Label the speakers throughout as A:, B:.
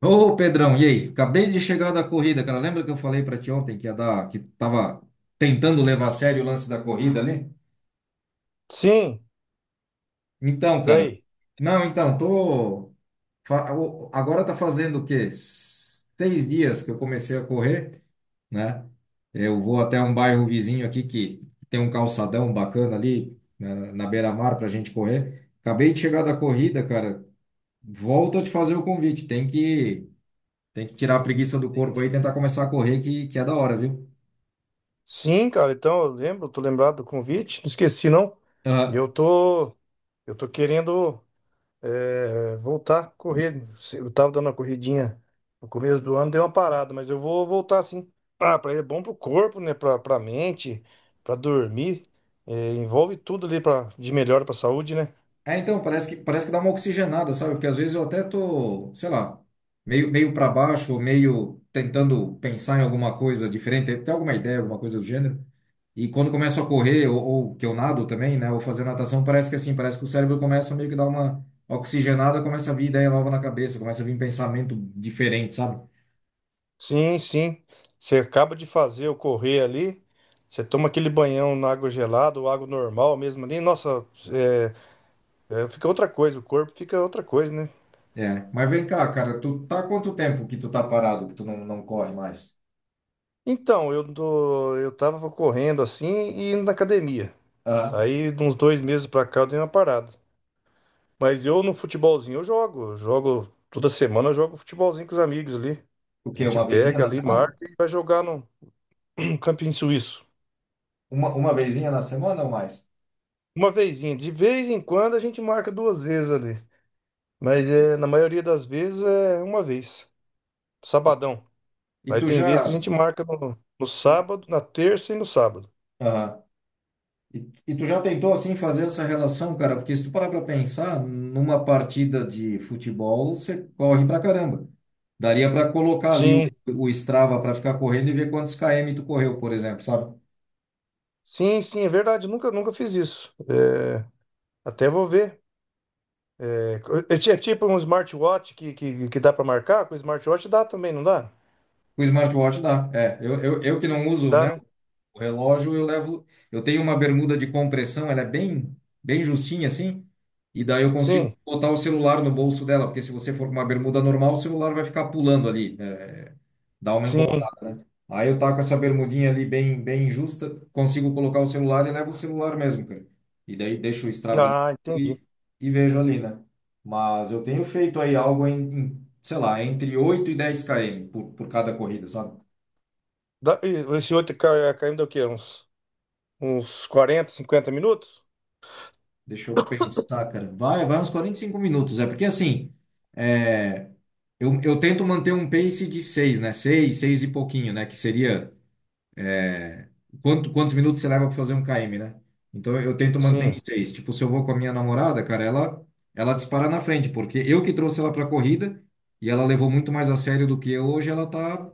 A: Ô, Pedrão, e aí? Acabei de chegar da corrida, cara. Lembra que eu falei pra ti ontem que ia dar, que tava tentando levar a sério o lance da corrida ali?
B: Sim,
A: Então, cara.
B: daí.
A: Não, então, agora tá fazendo o quê? 6 dias que eu comecei a correr, né? Eu vou até um bairro vizinho aqui que tem um calçadão bacana ali na beira-mar pra gente correr. Acabei de chegar da corrida, cara. Volto a te fazer o convite. Tem que tirar a preguiça do corpo aí e tentar começar a correr, que é da hora, viu?
B: Sim, cara, então eu lembro, tô lembrado do convite, não esqueci não.
A: Aham.
B: Eu tô, eu tô querendo voltar a correr. Eu tava dando uma corridinha no começo do ano, deu uma parada, mas eu vou voltar sim. Ah, é bom pro corpo, né? Pra mente, pra dormir. É, envolve tudo ali de melhor pra saúde, né?
A: É, então, parece que dá uma oxigenada, sabe? Porque às vezes eu até tô, sei lá, meio para baixo, ou meio tentando pensar em alguma coisa diferente, até alguma ideia, alguma coisa do gênero. E quando começo a correr, ou que eu nado também, né? Ou fazer natação, parece que assim, parece que o cérebro começa a meio que dar uma oxigenada, começa a vir ideia nova na cabeça, começa a vir pensamento diferente, sabe?
B: Sim, sim. Você acaba de fazer o correr ali, você toma aquele banhão na água gelada ou água normal mesmo ali. Nossa, eh, é, fica outra coisa, o corpo fica outra coisa, né?
A: É. Mas vem cá, cara, tu tá há quanto tempo que tu tá parado, que tu não, não corre mais?
B: Então, eu tava correndo assim e indo na academia. Aí, de uns 2 meses pra cá, eu dei uma parada. Mas eu no futebolzinho eu jogo. Eu jogo toda semana, eu jogo futebolzinho com os amigos ali.
A: O
B: A
A: quê?
B: gente
A: Uma vezinha
B: pega
A: na
B: ali, marca
A: semana?
B: e vai jogar no no campinho suíço.
A: Uma vezinha na semana ou mais?
B: Uma vezinha. De vez em quando a gente marca duas vezes ali. Mas
A: Saquei.
B: é, na maioria das vezes é uma vez. Sabadão.
A: E
B: Aí
A: tu
B: tem
A: já,
B: vezes que a gente marca no sábado, na terça e no sábado.
A: aham. E tu já tentou assim fazer essa relação, cara? Porque se tu parar para pensar, numa partida de futebol, você corre pra caramba. Daria para colocar ali o,
B: Sim,
A: o Strava para ficar correndo e ver quantos km tu correu, por exemplo, sabe?
B: sim, sim, é verdade. Nunca, nunca fiz isso. É, até vou ver. É, é tipo um smartwatch que dá para marcar? Com smartwatch dá também, não dá?
A: O smartwatch dá. É, eu que não uso,
B: Dá,
A: né?
B: né?
A: O relógio eu levo. Eu tenho uma bermuda de compressão, ela é bem justinha assim, e daí eu consigo
B: Sim,
A: botar o celular no bolso dela, porque se você for com uma bermuda normal, o celular vai ficar pulando ali, dá uma
B: sim.
A: incomodada, né? Aí eu taco essa bermudinha ali bem justa, consigo colocar o celular e levo o celular mesmo, cara. E daí deixo o Strava ali
B: Ah, entendi.
A: e vejo ali, né? Mas eu tenho feito aí algo em, sei lá, entre 8 e 10 km por cada corrida, sabe?
B: Dá, e esse outro caindo é o quê? Uns 40, 50 minutos?
A: Deixa eu pensar, cara. Vai uns 45 minutos. É porque assim, é, eu tento manter um pace de 6 né? Seis e pouquinho, né? Que seria é, quantos minutos você leva para fazer 1 km, né? Então eu tento manter em
B: Sim.
A: seis. Tipo, se eu vou com a minha namorada, cara, ela dispara na frente, porque eu que trouxe ela para corrida e ela levou muito mais a sério do que eu. Hoje ela tá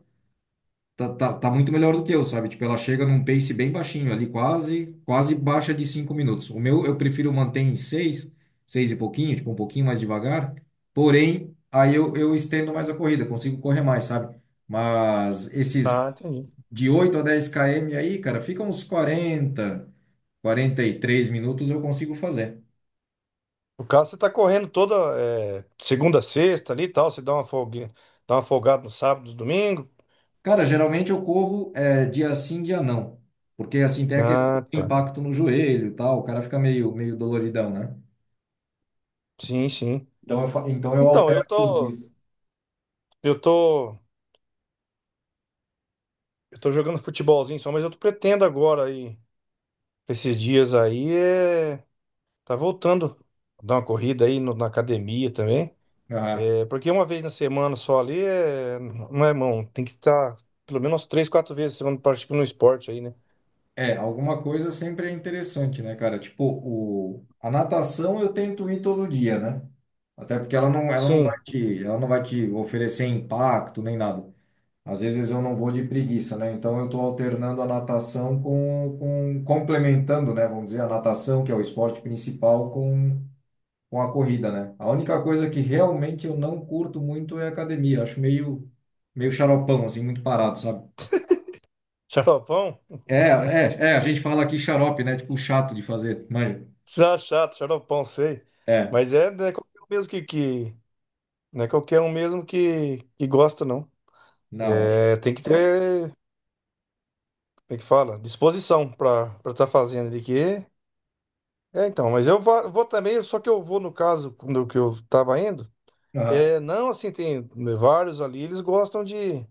A: tá, tá, tá muito melhor do que eu, sabe? Tipo, ela chega num pace bem baixinho ali, quase baixa de 5 minutos. O meu eu prefiro manter em seis e pouquinho, tipo, um pouquinho mais devagar. Porém, aí eu estendo mais a corrida, consigo correr mais, sabe? Mas
B: Ah,
A: esses
B: entendi.
A: de 8 a 10 km aí, cara, fica uns 43 minutos eu consigo fazer.
B: No caso, você tá correndo toda segunda, sexta ali e tal. Você dá uma folguinha, dá uma folgada no sábado, domingo.
A: Cara, geralmente eu corro é, dia sim, dia não. Porque assim tem a questão
B: Ah,
A: do
B: tá.
A: impacto no joelho e tal, o cara fica meio doloridão, né?
B: Sim, sim.
A: Então eu
B: Então,
A: altero
B: eu
A: os
B: tô.
A: dias.
B: Eu tô. Eu tô jogando futebolzinho só, mas eu tô pretendo agora aí, esses dias aí. Tá voltando a dar uma corrida aí na academia também.
A: Aham.
B: É, porque uma vez na semana só ali não é mão, tem que estar pelo menos três, quatro vezes na semana praticando um esporte aí, né?
A: É, alguma coisa sempre é interessante, né, cara? Tipo, a natação eu tento ir todo dia, né? Até porque ela não vai
B: Sim,
A: te, ela não vai te oferecer impacto nem nada. Às vezes eu não vou de preguiça, né? Então eu tô alternando a natação com complementando, né? Vamos dizer, a natação, que é o esporte principal, com a corrida, né? A única coisa que realmente eu não curto muito é academia. Acho meio xaropão, assim, muito parado, sabe?
B: xaropão?
A: É, a gente fala aqui xarope, né? Tipo, chato de fazer, mas
B: Já chato, xaropão, sei.
A: é,
B: Mas é, não é qualquer um mesmo que... Não é qualquer um mesmo que gosta, não.
A: na hora.
B: É, tem que ter, como é que fala? Disposição pra estar fazendo ali, que. É, então, mas eu vou, também, só que eu vou no caso do que eu tava indo.
A: Aham.
B: É, não, assim, tem vários ali, eles gostam de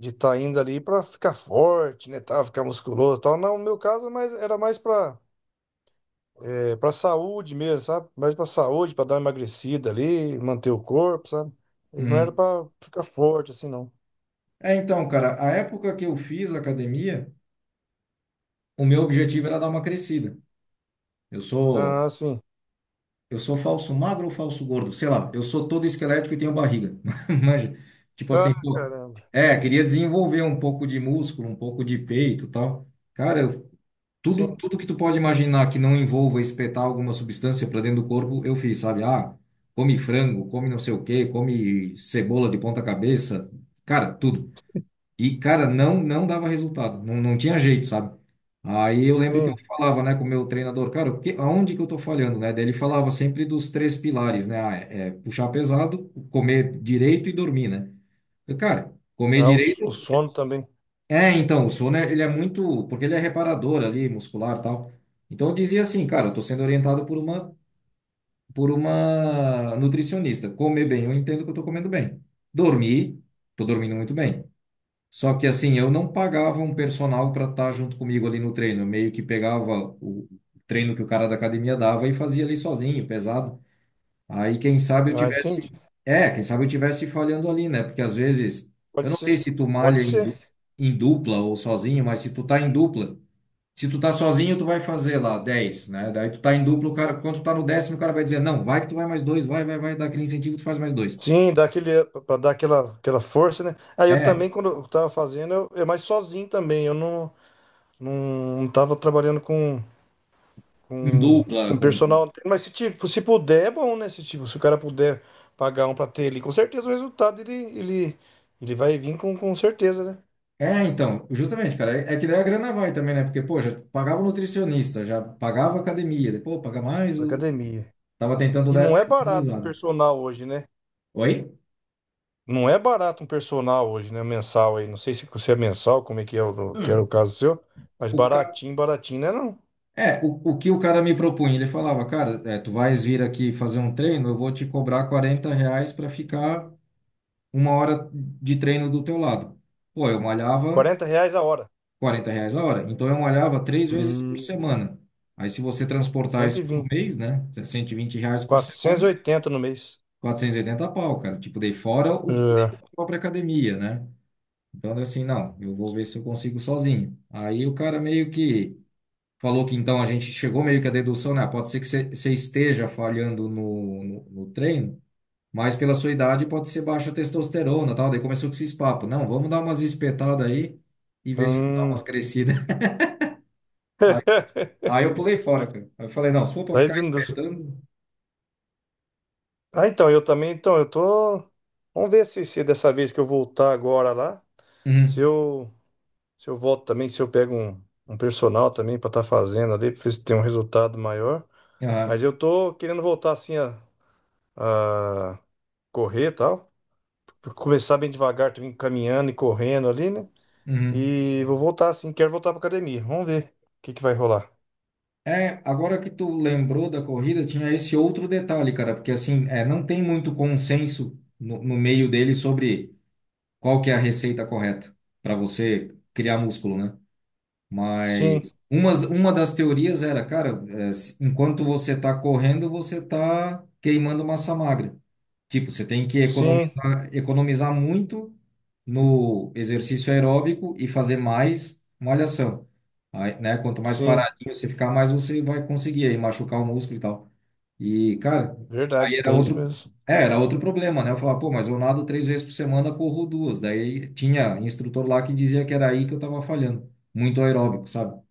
B: de tá indo ali para ficar forte, né, tá, ficar musculoso, e tal. Não, no meu caso, mas era mais para para saúde mesmo, sabe? Mais para saúde, para dar uma emagrecida ali, manter o corpo, sabe? E não era
A: Uhum.
B: para ficar forte assim, não.
A: É, então, cara, a época que eu fiz academia, o meu objetivo era dar uma crescida. Eu sou,
B: Ah, sim.
A: eu sou falso magro ou falso gordo, sei lá, eu sou todo esquelético e tenho barriga. Manja, tipo assim,
B: Ah,
A: pô,
B: caramba.
A: é, queria desenvolver um pouco de músculo, um pouco de peito, e tal. Cara,
B: Sim,
A: Tudo que tu pode imaginar que não envolva espetar alguma substância para dentro do corpo, eu fiz, sabe? Ah, come frango, come não sei o quê, come cebola de ponta cabeça, cara, tudo. E, cara, não não dava resultado, não, não tinha jeito, sabe? Aí eu lembro que eu
B: sim.
A: falava, né, com o meu treinador, cara, aonde que eu tô falhando, né? Daí ele falava sempre dos três pilares, né? Ah, é puxar pesado, comer direito e dormir, né? Eu, cara, comer
B: Ah, o
A: direito
B: sono também.
A: é, então, o sono, ele é muito, porque ele é reparador ali, muscular e tal. Então eu dizia assim, cara, eu tô sendo orientado por uma nutricionista. Comer bem, eu entendo que eu tô comendo bem. Dormir, tô dormindo muito bem. Só que assim, eu não pagava um personal para estar junto comigo ali no treino. Eu meio que pegava o treino que o cara da academia dava e fazia ali sozinho, pesado. Aí, quem sabe eu
B: Ah,
A: tivesse.
B: entendi.
A: É, quem sabe eu tivesse falhando ali, né? Porque às vezes,
B: Pode
A: eu não sei
B: ser.
A: se tu
B: Pode
A: malha em,
B: ser.
A: du- em dupla ou sozinho, mas se tu tá em dupla, se tu tá sozinho, tu vai fazer lá 10 né? Daí tu tá em dupla, o cara, quando tu tá no décimo, o cara vai dizer, não, vai que tu vai mais dois, vai, vai, vai, dá aquele incentivo, tu faz mais dois.
B: Sim, dá aquele, para dar aquela força, né? Aí eu
A: É,
B: também, quando eu tava fazendo, eu mais sozinho também. Eu não tava trabalhando com,
A: em
B: com,
A: dupla,
B: com
A: com.
B: personal. Mas se, tipo, se puder, é bom, né? Se, tipo, se o cara puder pagar um pra ter ali, com certeza o resultado ele vai vir com certeza, né?
A: É, então, justamente, cara, é que daí a grana vai também, né? Porque, pô, já pagava o nutricionista, já pagava a academia, depois, pô, paga mais,
B: Da
A: o...
B: academia.
A: tava tentando
B: E
A: dar
B: não
A: essa
B: é barato um
A: economizada.
B: personal hoje, né?
A: Oi?
B: Não é barato um personal hoje, né? Mensal aí. Não sei se você é mensal, como é que é que era o
A: Hum.
B: caso seu, mas
A: O, ca...
B: baratinho, baratinho, né? Não.
A: É, o que o cara me propunha, ele falava, cara, é, tu vais vir aqui fazer um treino, eu vou te cobrar R$ 40 para ficar 1 hora de treino do teu lado. Pô, eu malhava
B: R$ 40 a hora.
A: R$ 40 a hora, então eu malhava três vezes por
B: Hum,
A: semana. Aí se você transportar
B: cento
A: isso
B: e
A: por
B: vinte
A: mês, né, R$ 120 por
B: quatrocentos e
A: semana,
B: oitenta no mês.
A: 480 pau, cara. Tipo, dei fora o custo
B: É.
A: da própria academia, né? Então, assim, não, eu vou ver se eu consigo sozinho. Aí o cara meio que falou que então a gente chegou meio que à dedução, né? Ah, pode ser que você esteja falhando no treino, mas pela sua idade pode ser baixa testosterona, tal. Daí começou com esses papos. Não, vamos dar umas espetadas aí e ver se não dá
B: Hum,
A: uma crescida. Aí, aí, eu pulei fora, cara. Aí eu falei, não, se for pra
B: daí,
A: ficar espetando.
B: ah, então, eu também, então, eu tô. Vamos ver se dessa vez que eu voltar agora lá, se
A: Uhum,
B: eu, se eu volto também, se eu pego um personal também pra estar fazendo ali, pra ver se tem um resultado maior. Mas
A: aham,
B: eu tô querendo voltar assim a correr e tal. Começar bem devagar, também caminhando e correndo ali, né?
A: uhum.
B: E vou voltar assim, quero voltar pra academia. Vamos ver o que que vai rolar.
A: É, agora que tu lembrou da corrida, tinha esse outro detalhe, cara, porque assim, é, não tem muito consenso no meio dele sobre qual que é a receita correta para você criar músculo, né?
B: Sim,
A: Mas uma das teorias era, cara, enquanto você está correndo, você está queimando massa magra. Tipo, você tem que
B: sim.
A: economizar, economizar muito no exercício aeróbico e fazer mais malhação. Aí, né? Quanto mais
B: Sim,
A: paradinho você ficar, mais você vai conseguir aí machucar o músculo e tal. E, cara, aí
B: verdade,
A: era
B: tem isso
A: outro,
B: mesmo.
A: é, era outro problema, né? Eu falava, pô, mas eu nado 3 vezes por semana, corro duas. Daí tinha instrutor lá que dizia que era aí que eu tava falhando. Muito aeróbico, sabe?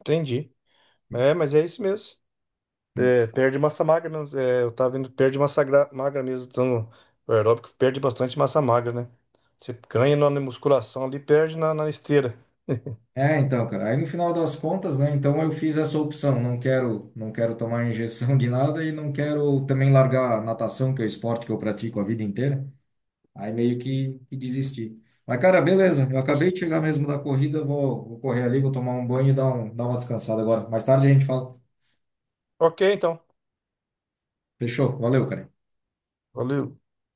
B: Entendi. É, mas é isso mesmo. É, perde massa magra, mesmo. É, eu tava vendo, perde massa magra mesmo. Então, o aeróbico perde bastante massa magra, né? Você ganha na musculação ali, perde na esteira.
A: É, então, cara, aí no final das contas, né? Então eu fiz essa opção. Não quero, não quero tomar injeção de nada e não quero também largar a natação, que é o esporte que eu pratico a vida inteira. Aí meio que desisti. Mas, cara, beleza. Eu
B: Tá c-
A: acabei de chegar mesmo da corrida, vou correr ali, vou tomar um banho e dar uma descansada agora. Mais tarde a gente fala.
B: ok, então.
A: Fechou. Valeu, cara.
B: Valeu.